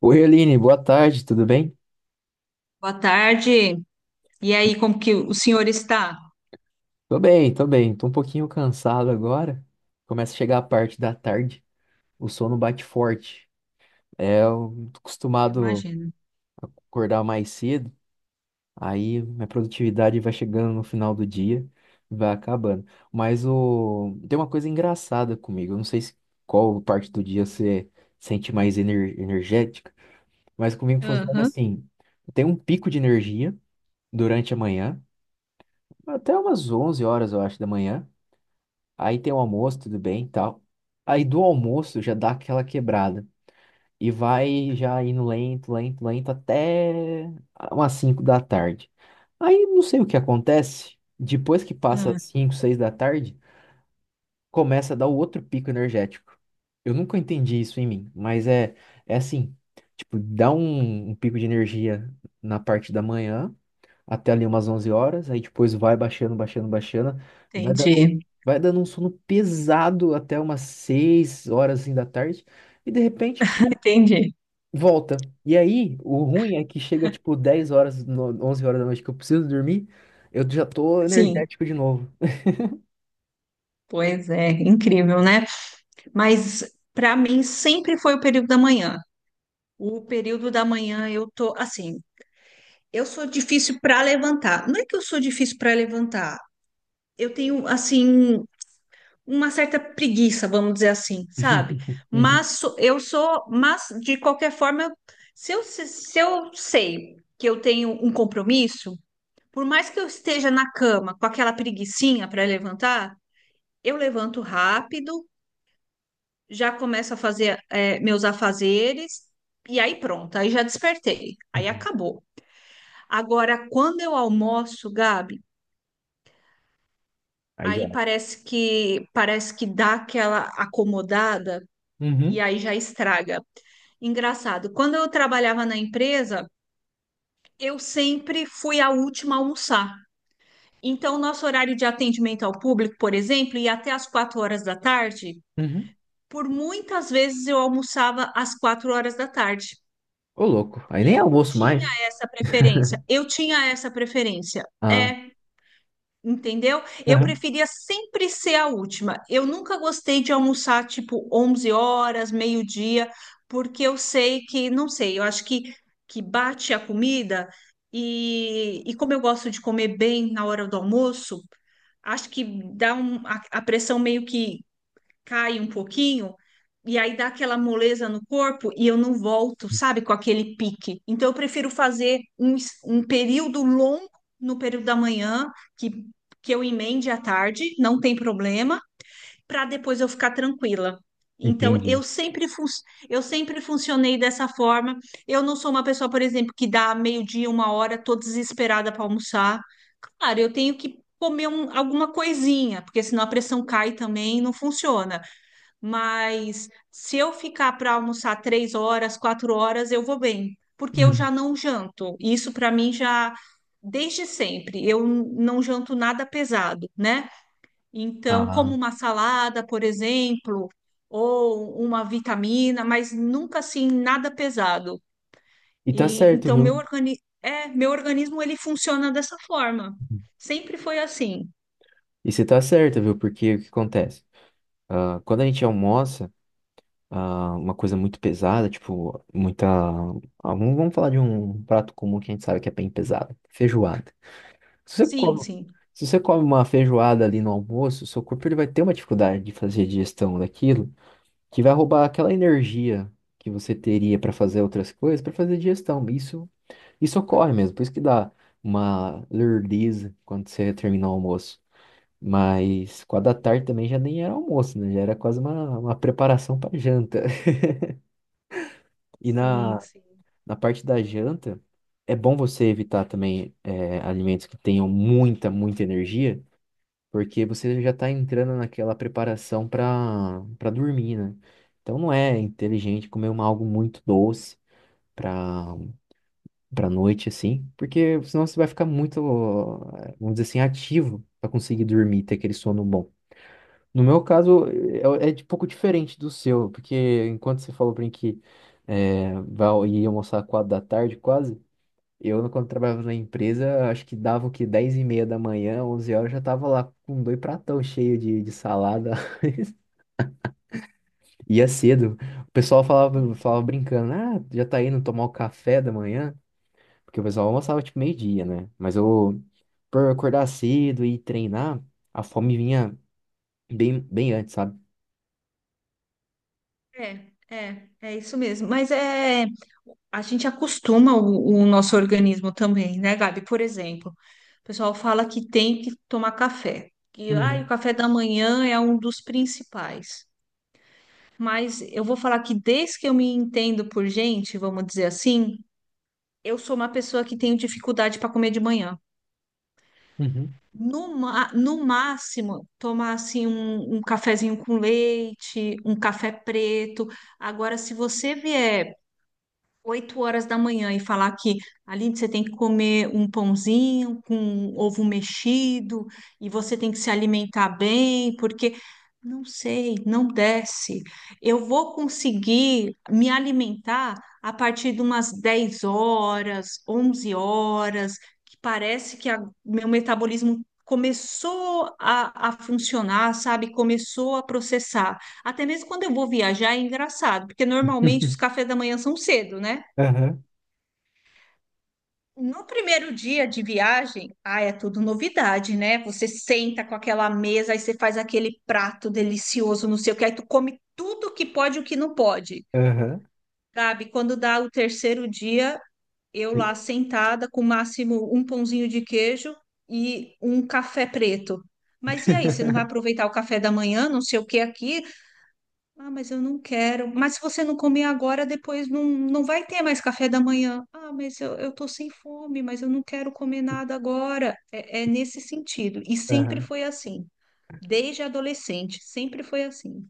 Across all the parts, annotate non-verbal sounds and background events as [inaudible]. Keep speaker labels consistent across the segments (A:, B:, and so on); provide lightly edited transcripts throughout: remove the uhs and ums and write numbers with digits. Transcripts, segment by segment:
A: Oi, Aline, boa tarde, tudo bem?
B: Boa tarde. E aí, como que o senhor está?
A: Tô bem, tô bem. Tô um pouquinho cansado agora. Começa a chegar a parte da tarde, o sono bate forte. É, eu tô
B: Eu
A: acostumado
B: imagino.
A: a acordar mais cedo, aí minha produtividade vai chegando no final do dia, vai acabando. Mas tem uma coisa engraçada comigo, eu não sei se qual parte do dia você sente mais energética, mas comigo funciona
B: Aham.
A: assim: eu tenho um pico de energia durante a manhã, até umas 11 horas, eu acho, da manhã. Aí tem o almoço, tudo bem, e tal. Aí do almoço já dá aquela quebrada. E vai já indo lento, lento, lento até umas 5 da tarde. Aí não sei o que acontece. Depois que passa
B: Ah,
A: as 5, 6 da tarde, começa a dar o outro pico energético. Eu nunca entendi isso em mim, mas é, assim, tipo, dá um pico de energia na parte da manhã até ali umas 11 horas, aí depois vai baixando, baixando, baixando, vai dando,
B: entendi.
A: vai dando um sono pesado até umas 6 horas assim, da tarde, e de repente pum,
B: Entendi.
A: volta. E aí, o ruim é que chega tipo 10 horas, 11 horas da noite que eu preciso dormir, eu já tô
B: Sim,
A: energético de novo.
B: pois é, incrível, né? Mas para mim sempre foi o período da manhã. O período da manhã eu tô assim, eu sou difícil para levantar. Não é que eu sou difícil para levantar. Eu tenho assim uma certa preguiça, vamos dizer assim, sabe?
A: [laughs] Uhum,
B: Mas de qualquer forma, se eu sei que eu tenho um compromisso, por mais que eu esteja na cama com aquela preguicinha para levantar, eu levanto rápido, já começo a fazer meus afazeres. E aí pronto, aí já despertei, aí
A: uhum,
B: acabou. Agora, quando eu almoço, Gabi,
A: aí já,
B: aí parece que dá aquela acomodada e
A: uhum,
B: aí já estraga. Engraçado. Quando eu trabalhava na empresa, eu sempre fui a última a almoçar. Então, nosso horário de atendimento ao público, por exemplo, ia até às 4 horas da tarde.
A: uhum,
B: Por muitas vezes eu almoçava às 4 horas da tarde.
A: ô louco, aí nem
B: Eu
A: almoço
B: tinha
A: mais.
B: essa preferência.
A: [laughs]
B: Eu tinha essa preferência.
A: Ah,
B: É. Entendeu? Eu
A: aham,
B: preferia sempre ser a última. Eu nunca gostei de almoçar tipo 11 horas, meio-dia, porque eu sei que, não sei, eu acho que bate a comida e como eu gosto de comer bem na hora do almoço, acho que dá a pressão meio que cai um pouquinho, e aí dá aquela moleza no corpo e eu não volto, sabe, com aquele pique. Então eu prefiro fazer um período longo no período da manhã, que, que eu emende à tarde, não tem problema, para depois eu ficar tranquila. Então
A: entendi.
B: eu sempre funcionei dessa forma. Eu não sou uma pessoa, por exemplo, que dá meio-dia, 1 hora, tô desesperada para almoçar. Claro, eu tenho que comer alguma coisinha, porque senão a pressão cai também e não funciona, mas se eu ficar para almoçar 3 horas, 4 horas, eu vou bem, porque eu
A: Uhum.
B: já não janto. Isso para mim já desde sempre. Eu não janto nada pesado, né? Então, como
A: Ah,
B: uma salada, por exemplo, ou uma vitamina, mas nunca assim nada pesado.
A: e tá
B: E
A: certo,
B: então meu
A: viu?
B: organi é, meu organismo ele funciona dessa forma. Sempre foi assim.
A: E você tá certa, viu? Porque o que acontece? Ah, quando a gente almoça, ah, uma coisa muito pesada, tipo, muita. Ah, vamos falar de um prato comum que a gente sabe que é bem pesado, feijoada. Se você
B: Sim,
A: come,
B: sim.
A: se você come uma feijoada ali no almoço, o seu corpo ele vai ter uma dificuldade de fazer digestão daquilo, que vai roubar aquela energia que você teria para fazer outras coisas, para fazer digestão. Isso, isso ocorre mesmo, por isso que dá uma lerdeza quando você termina o almoço. Mas 4 da tarde também já nem era almoço, né? Já era quase uma preparação para janta. [laughs] E
B: Sim,
A: na,
B: sim.
A: na parte da janta, é bom você evitar também alimentos que tenham muita, muita energia, porque você já está entrando naquela preparação para dormir, né? Então não é inteligente comer algo muito doce para noite, assim, porque senão você vai ficar muito, vamos dizer assim, ativo para conseguir dormir, ter aquele sono bom. No meu caso, é, de pouco diferente do seu, porque enquanto você falou pra mim que ia almoçar às 4 da tarde, quase, eu, quando trabalhava na empresa, acho que dava o quê? 10 e meia da manhã, 11 horas, eu já tava lá com dois pratão cheio de salada. [laughs] Ia cedo. O pessoal falava,
B: Sim,
A: falava
B: sim.
A: brincando, ah, já tá indo tomar o café da manhã? Porque o pessoal almoçava tipo meio-dia, né? Mas eu, por acordar cedo e treinar, a fome vinha bem, bem antes, sabe?
B: É, é isso mesmo. Mas a gente acostuma o nosso organismo também, né, Gabi? Por exemplo, o pessoal fala que tem que tomar café, que ah, o
A: Uhum,
B: café da manhã é um dos principais. Mas eu vou falar que desde que eu me entendo por gente, vamos dizer assim, eu sou uma pessoa que tenho dificuldade para comer de manhã.
A: uhum.
B: No máximo, tomar assim um cafezinho com leite, um café preto. Agora, se você vier 8 horas da manhã e falar que, Aline, você tem que comer um pãozinho com ovo mexido e você tem que se alimentar bem, porque não sei, não desce. Eu vou conseguir me alimentar a partir de umas 10 horas, 11 horas, que parece que meu metabolismo começou a funcionar, sabe? Começou a processar. Até mesmo quando eu vou viajar é engraçado, porque normalmente os
A: [laughs]
B: cafés da manhã são cedo, né? No primeiro dia de viagem, ah, é tudo novidade, né? Você senta com aquela mesa, aí você faz aquele prato delicioso, não sei o que, aí tu come tudo que pode e o que não pode.
A: Aham,
B: Sabe, quando dá o terceiro dia, eu
A: e-
B: lá sentada com o máximo um pãozinho de queijo e um café preto. Mas e aí, você não vai aproveitar o café da manhã, não sei o que aqui. Ah, mas eu não quero. Mas se você não comer agora, depois não vai ter mais café da manhã. Ah, mas eu tô sem fome, mas eu não quero comer nada agora. É, é nesse sentido. E sempre
A: aham.
B: foi assim. Desde adolescente, sempre foi assim.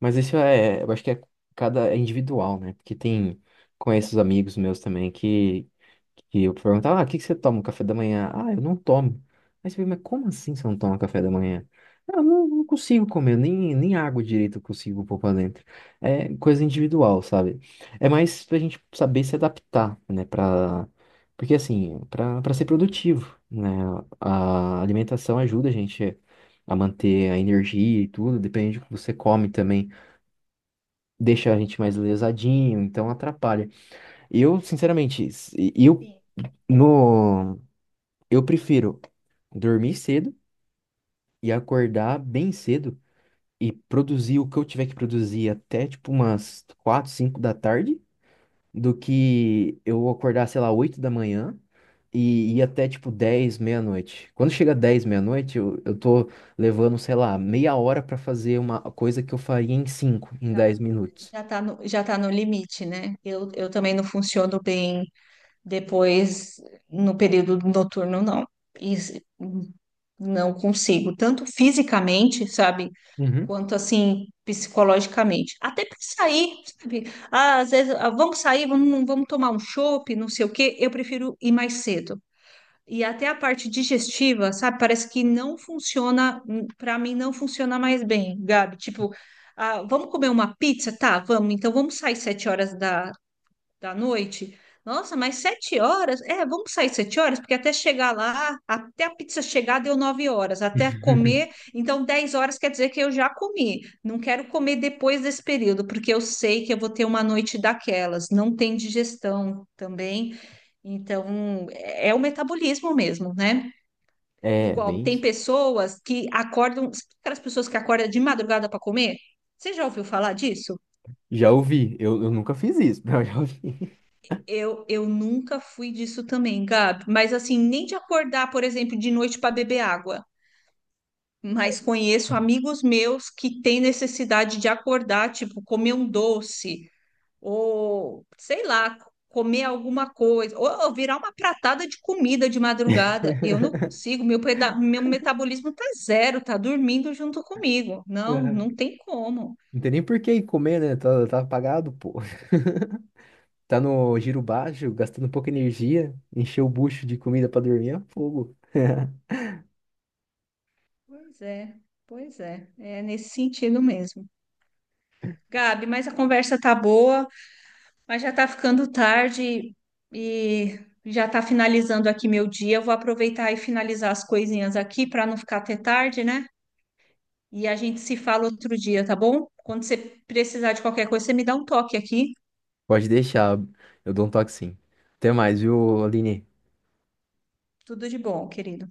A: Mas isso é, eu acho que é cada é individual, né? Porque tem, conheço os amigos meus também que eu perguntava, ah, o que que você toma, café da manhã? Ah, eu não tomo. Aí você pergunta, mas como assim você não toma café da manhã? Ah, eu não consigo comer, nem água direito eu consigo pôr pra dentro. É coisa individual, sabe? É mais pra gente saber se adaptar, né? Porque assim, pra ser produtivo, né? A alimentação ajuda a gente a manter a energia e tudo, depende do que você come também deixa a gente mais lesadinho, então atrapalha. Eu, sinceramente, se- eu no eu prefiro dormir cedo e acordar bem cedo e produzir o que eu tiver que produzir até tipo umas 4, 5 da tarde do que eu acordar, sei lá, 8 da manhã e ir até tipo 10 meia-noite. Quando chega 10 meia-noite, eu tô levando, sei lá, meia hora pra fazer uma coisa que eu faria em 5, em
B: Já,
A: 10 minutos.
B: já tá no limite, né? Eu também não funciono bem. Depois, no período noturno, não. E se- não consigo, tanto fisicamente, sabe,
A: Uhum.
B: quanto assim, psicologicamente. Até para sair, sabe? Ah, às vezes, ah, vamos sair, vamos tomar um chopp, não sei o quê, eu prefiro ir mais cedo. E até a parte digestiva, sabe, parece que não funciona, para mim não funciona mais bem, Gabi. Tipo, ah, vamos comer uma pizza? Tá, vamos, então vamos sair 7 horas da noite. Nossa, mas 7 horas? É, vamos sair 7 horas, porque até chegar lá, até a pizza chegar deu 9 horas, até
A: [laughs]
B: comer, então 10 horas quer dizer que eu já comi. Não quero comer depois desse período, porque eu sei que eu vou ter uma noite daquelas. Não tem digestão também, então é o metabolismo mesmo, né?
A: É,
B: Igual
A: bem
B: tem
A: isso.
B: pessoas que acordam, sabe aquelas pessoas que acordam de madrugada para comer? Você já ouviu falar disso?
A: Já ouvi. Eu nunca fiz isso, [laughs] mas eu já ouvi.
B: Eu nunca fui disso também, Gabi. Mas assim, nem de acordar, por exemplo, de noite para beber água. Mas conheço amigos meus que têm necessidade de acordar, tipo, comer um doce, ou sei lá, comer alguma coisa, ou virar uma pratada de comida de madrugada. Eu não consigo, meu metabolismo tá zero, tá dormindo junto comigo. Não,
A: Aham.
B: não tem como.
A: Não tem nem por que ir comer, né? Tá, tá apagado, pô. [laughs] Tá no giro baixo, gastando pouca energia. Encher o bucho de comida pra dormir é fogo.
B: Pois é, pois é. É nesse sentido mesmo. Gabi, mas a conversa tá boa. Mas já está ficando tarde e já está finalizando aqui meu dia. Eu vou aproveitar e finalizar as coisinhas aqui para não ficar até tarde, né? E a gente se fala outro dia, tá bom? Quando você precisar de qualquer coisa, você me dá um toque aqui.
A: Pode deixar. Eu dou um toque sim. Até mais, viu, Aline?
B: Tudo de bom, querido.